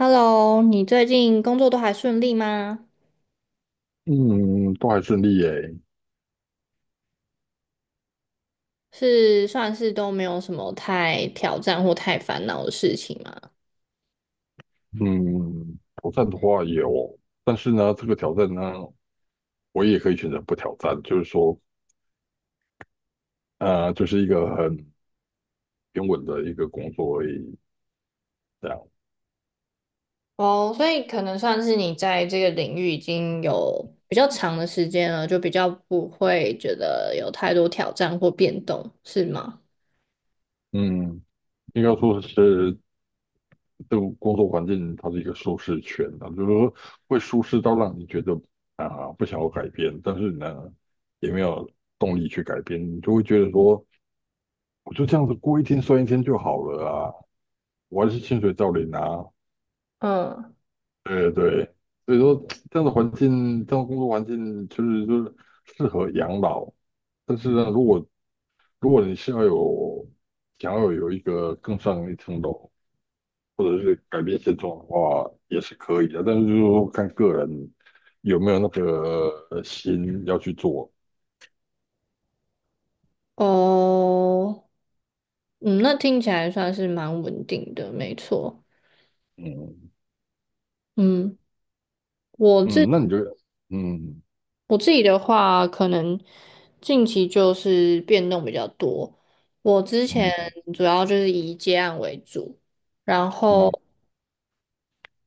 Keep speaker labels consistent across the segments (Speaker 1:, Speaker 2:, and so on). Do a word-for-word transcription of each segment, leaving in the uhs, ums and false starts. Speaker 1: Hello，你最近工作都还顺利吗？
Speaker 2: 嗯，都还顺利耶。
Speaker 1: 是算是都没有什么太挑战或太烦恼的事情吗？
Speaker 2: 嗯，挑战的话也有，但是呢，这个挑战呢，我也可以选择不挑战，就是说，呃，就是一个很平稳的一个工作而已，这样。
Speaker 1: 哦，所以可能算是你在这个领域已经有比较长的时间了，就比较不会觉得有太多挑战或变动，是吗？
Speaker 2: 嗯，应该说是这个工作环境，它是一个舒适圈啊，就是说会舒适到让你觉得啊、不想要改变，但是呢，也没有动力去改变，你就会觉得说，我就这样子过一天算一天就好了啊，我还是薪水照领啊。
Speaker 1: 嗯，
Speaker 2: 对对，所以说这样的环境，这样的工作环境，就是就是适合养老。但是呢，如果如果你是要有想要有一个更上一层楼，或者是改变现状的话，也是可以的。但是就是说看个人有没有那个呃心要去做。
Speaker 1: 哦，嗯，那听起来算是蛮稳定的，没错。
Speaker 2: 嗯
Speaker 1: 嗯。我自
Speaker 2: 嗯，那你就嗯
Speaker 1: 我自己的话，可能近期就是变动比较多。我之前
Speaker 2: 嗯
Speaker 1: 主要就是以接案为主，然
Speaker 2: 嗯
Speaker 1: 后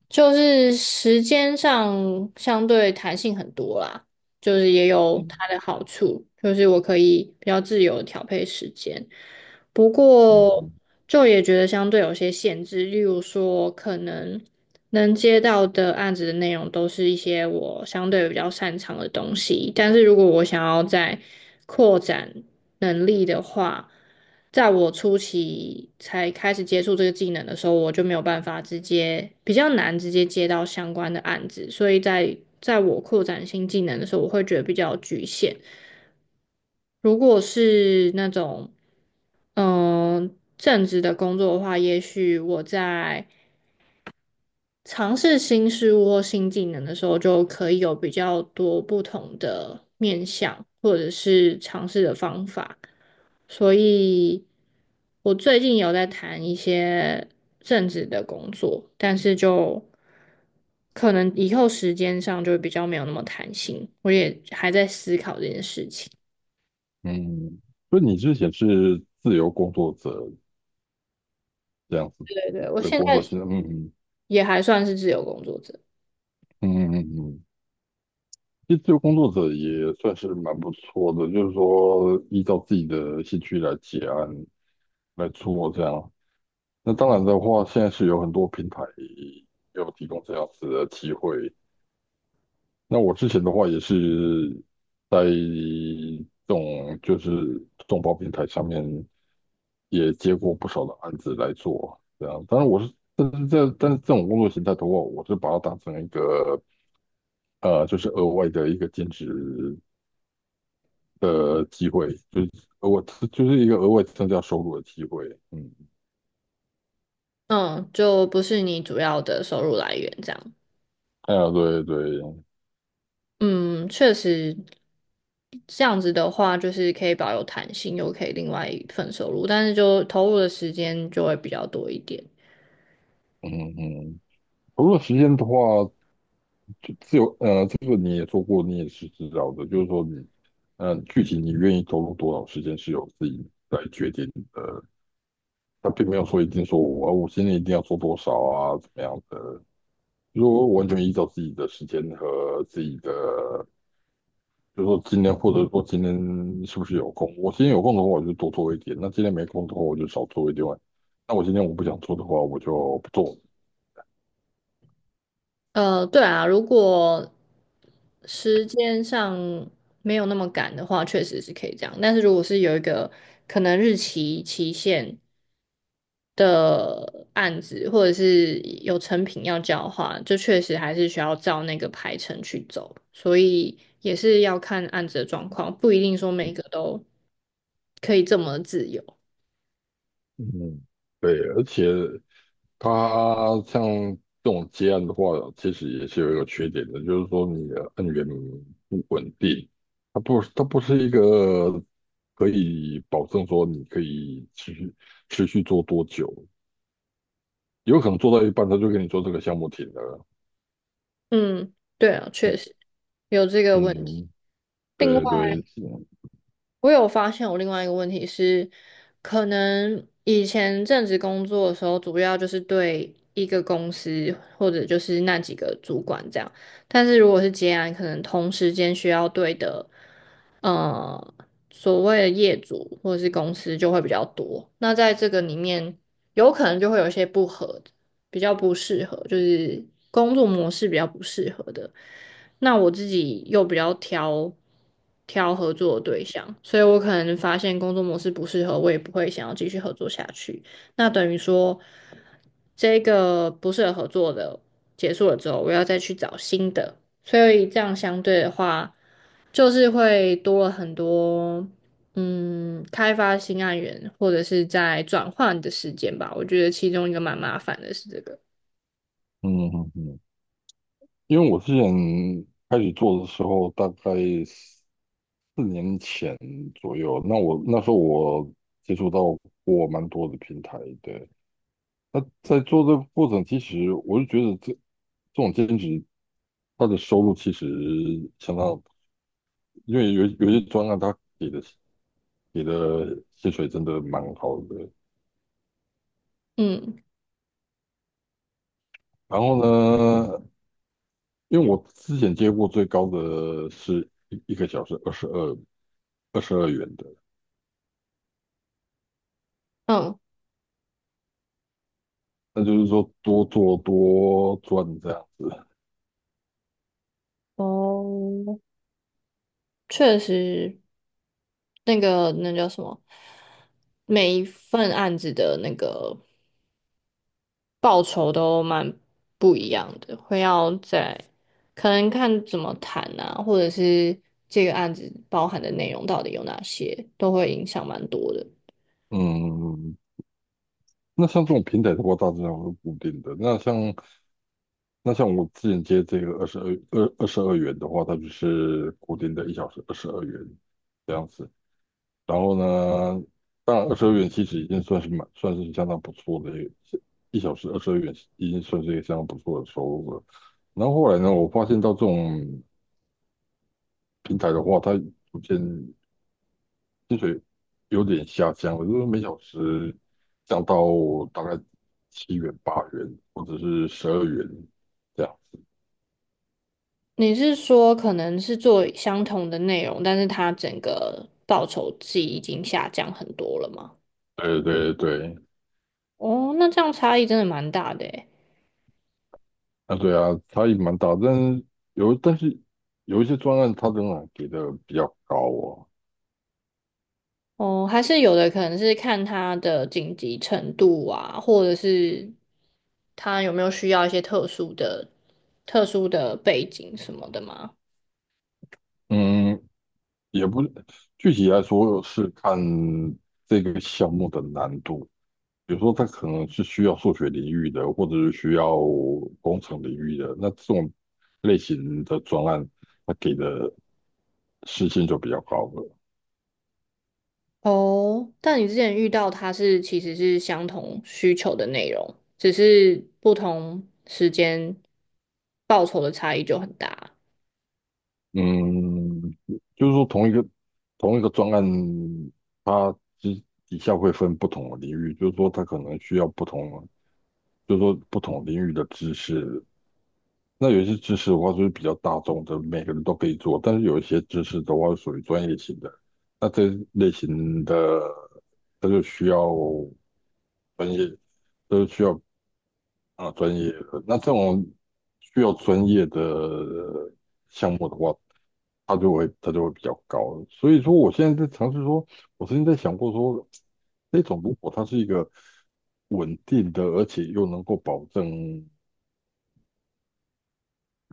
Speaker 1: 就是时间上相对弹性很多啦，就是也有
Speaker 2: 嗯，
Speaker 1: 它的好处，就是我可以比较自由地调配时间。不过
Speaker 2: 嗯
Speaker 1: 就也觉得相对有些限制，例如说可能。能接到的案子的内容都是一些我相对比较擅长的东西，但是如果我想要再扩展能力的话，在我初期才开始接触这个技能的时候，我就没有办法直接，比较难直接接到相关的案子，所以在在我扩展新技能的时候，我会觉得比较局限。如果是那种嗯、呃正职的工作的话，也许我在尝试新事物或新技能的时候，就可以有比较多不同的面向，或者是尝试的方法。所以，我最近有在谈一些政治的工作，但是就可能以后时间上就比较没有那么弹性。我也还在思考这件事情。
Speaker 2: 嗯，所以你之前是自由工作者这样子
Speaker 1: 对对，我
Speaker 2: 的
Speaker 1: 现
Speaker 2: 工
Speaker 1: 在
Speaker 2: 作性质，嗯
Speaker 1: 也还算是自由工作者，
Speaker 2: 嗯嗯嗯嗯。嗯其实自由工作者也算是蛮不错的，就是说依照自己的兴趣来结案来做这样。那当然的话，现在是有很多平台有提供这样子的机会。那我之前的话也是在这种就是众包平台上面也接过不少的案子来做，这样。当然我是，但是这但是这种工作形态的话，我是把它当成一个呃，就是额外的一个兼职的机会，就是我就是一个额外增加收入的机会。嗯，
Speaker 1: 嗯，就不是你主要的收入来源这样。
Speaker 2: 哎呀，对对，
Speaker 1: 嗯，确实，这样子的话，就是可以保有弹性，又可以另外一份收入，但是就投入的时间就会比较多一点。
Speaker 2: 嗯嗯，投入时间的话，就自由，呃，这个你也做过，你也是知道的，就是说你，嗯、具体你愿意投入多少时间是由自己来决定的，他并没有说一定说我啊我现在一定要做多少啊，怎么样的，如果完全依照自己的时间和自己的。就如说今天，或者说今天是不是有空？我今天有空的话，我就多做一点；那今天没空的话，我就少做一点。那我今天我不想做的话，我就不做。
Speaker 1: 呃，对啊，如果时间上没有那么赶的话，确实是可以这样。但是如果是有一个可能日期期限的案子，或者是有成品要交的话，就确实还是需要照那个排程去走。所以也是要看案子的状况，不一定说每个都可以这么自由。
Speaker 2: 嗯，对，而且它像这种接案的话，其实也是有一个缺点的，就是说你的案源不稳定，它不它不是一个可以保证说你可以持续持续做多久，有可能做到一半他就跟你做这个项目停了。
Speaker 1: 嗯，对啊，确
Speaker 2: 嗯
Speaker 1: 实有这个问题。
Speaker 2: 嗯，
Speaker 1: 另外，
Speaker 2: 对对，嗯
Speaker 1: 我有发现我另外一个问题是，可能以前正职工作的时候，主要就是对一个公司或者就是那几个主管这样，但是如果是接案，可能同时间需要对的呃，所谓的业主或者是公司就会比较多。那在这个里面，有可能就会有一些不合的比较不适合，就是工作模式比较不适合的。那我自己又比较挑挑合作的对象，所以我可能发现工作模式不适合，我也不会想要继续合作下去。那等于说，这个不适合合作的结束了之后，我要再去找新的。所以这样相对的话，就是会多了很多，嗯，开发新案源或者是在转换的时间吧。我觉得其中一个蛮麻烦的是这个，
Speaker 2: 嗯嗯嗯，因为我之前开始做的时候，大概四年前左右，那我那时候我接触到过蛮多的平台，对。那在做这个过程，其实我就觉得这这种兼职，它的收入其实相当，因为有有些专案他给的给的薪水真的蛮好的。
Speaker 1: 嗯
Speaker 2: 然后呢，因为我之前接过最高的是一一个小时二十二二十二元的。
Speaker 1: 嗯。
Speaker 2: 那就是说多做多赚这样子。
Speaker 1: 哦，确实，那个那叫什么，每一份案子的那个报酬都蛮不一样的，会要在可能看怎么谈啊，或者是这个案子包含的内容到底有哪些，都会影响蛮多的。
Speaker 2: 嗯，那像这种平台的话，大致上是固定的。那像那像我之前接这个二十二二二十二元的话，它就是固定的一小时二十二元这样子。然后呢，当然二十二元其实已经算是蛮算是相当不错的一个一小时二十二元已经算是一个相当不错的收入了。然后后来呢，我发现到这种平台的话，它逐渐薪水有点下降了，就是每小时降到大概七元、八元，或者是十二元这样。
Speaker 1: 你是说可能是做相同的内容，但是它整个报酬季已经下降很多了吗？
Speaker 2: 对对对，
Speaker 1: 哦，那这样差异真的蛮大的诶。
Speaker 2: 啊对啊，差异蛮大，但是有但是有一些专案，它仍然给的比较高哦。
Speaker 1: 哦，还是有的可能是看它的紧急程度啊，或者是它有没有需要一些特殊的、特殊的背景什么的吗？
Speaker 2: 嗯，也不是具体来说是看这个项目的难度，比如说它可能是需要数学领域的，或者是需要工程领域的，那这种类型的专案，它给的事情就比较高了。
Speaker 1: 哦，但你之前遇到它是其实是相同需求的内容，只是不同时间报酬的差异就很大。
Speaker 2: 嗯，就是说同一个同一个专案，它之底下会分不同的领域，就是说它可能需要不同，就是说不同领域的知识。那有一些知识的话就是比较大众的，每个人都可以做，但是有一些知识的话是属于专业型的，那这类型的它就需要专业，都需要啊，专业的。那这种需要专业的项目的话，它就会它就会比较高。所以说，我现在在尝试说，我曾经在想过说，这种如果它是一个稳定的，而且又能够保证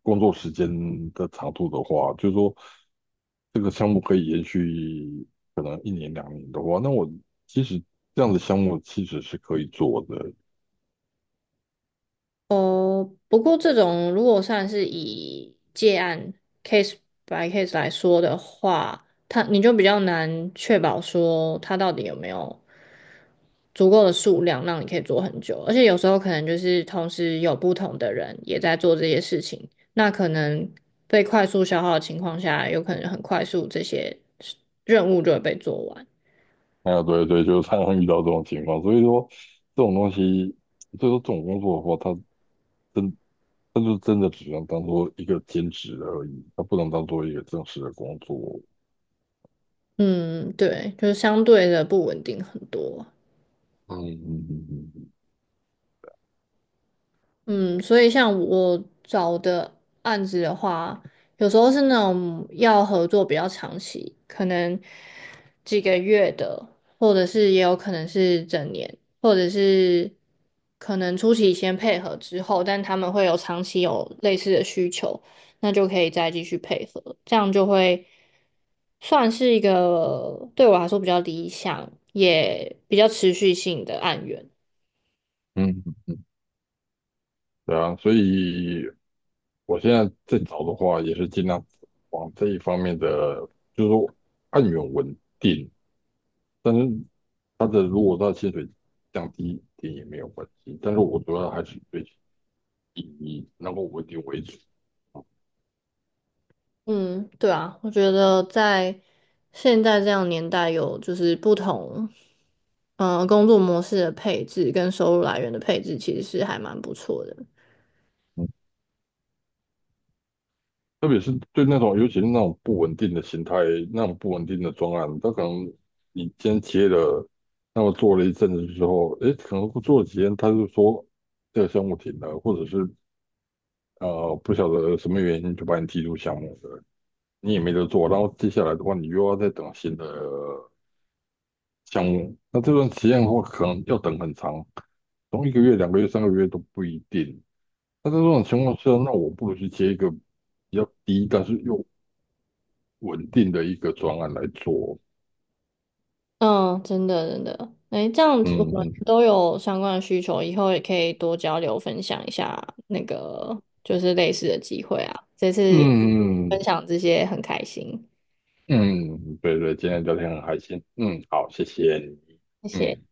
Speaker 2: 工作时间的长度的话，就是说这个项目可以延续可能一年两年的话，那我其实这样的项目其实是可以做的。
Speaker 1: 哦，不过这种如果算是以借案 case by case 来说的话，它你就比较难确保说它到底有没有足够的数量让你可以做很久，而且有时候可能就是同时有不同的人也在做这些事情，那可能被快速消耗的情况下，有可能很快速这些任务就会被做完。
Speaker 2: 哎呀，对对，就是常常遇到这种情况，所以说这种东西，所以说这种工作的话，它真，它就真的只能当做一个兼职而已，它不能当做一个正式的工作。
Speaker 1: 嗯，对，就是相对的不稳定很多。
Speaker 2: 嗯，嗯嗯
Speaker 1: 嗯，所以像我找的案子的话，有时候是那种要合作比较长期，可能几个月的，或者是也有可能是整年，或者是可能初期先配合之后，但他们会有长期有类似的需求，那就可以再继续配合，这样就会算是一个对我来说比较理想，也比较持续性的案源。
Speaker 2: 嗯嗯，嗯对啊，所以我现在在找的话，也是尽量往这一方面的，就是说按源稳定，但是它的如果它的薪水降低一点也没有关系，但是我主要还是追以意义，能够稳定为主。
Speaker 1: 嗯，对啊，我觉得在现在这样年代，有就是不同，嗯、工作模式的配置跟收入来源的配置，其实是还蛮不错的。
Speaker 2: 特别是对那种，尤其是那种不稳定的形态、那种不稳定的专案，他可能你今天接了，那么做了一阵子之后，诶，可能做了几天，他就说这个项目停了，或者是呃不晓得什么原因就把你踢出项目了，你也没得做。然后接下来的话，你又要再等新的项目，那这段时间的话，可能要等很长，从一个月、两个月、三个月都不一定。那在这种情况下，那我不如去接一个比较低，但是又稳定的一个专案来做。
Speaker 1: 嗯，真的真的，哎，这样子我们
Speaker 2: 嗯
Speaker 1: 都有相关的需求，以后也可以多交流分享一下那个就是类似的机会啊。这次
Speaker 2: 嗯嗯
Speaker 1: 分享这些很开心，
Speaker 2: 嗯，对对，今天聊天很开心。嗯，好，谢谢你。
Speaker 1: 谢谢。
Speaker 2: 嗯。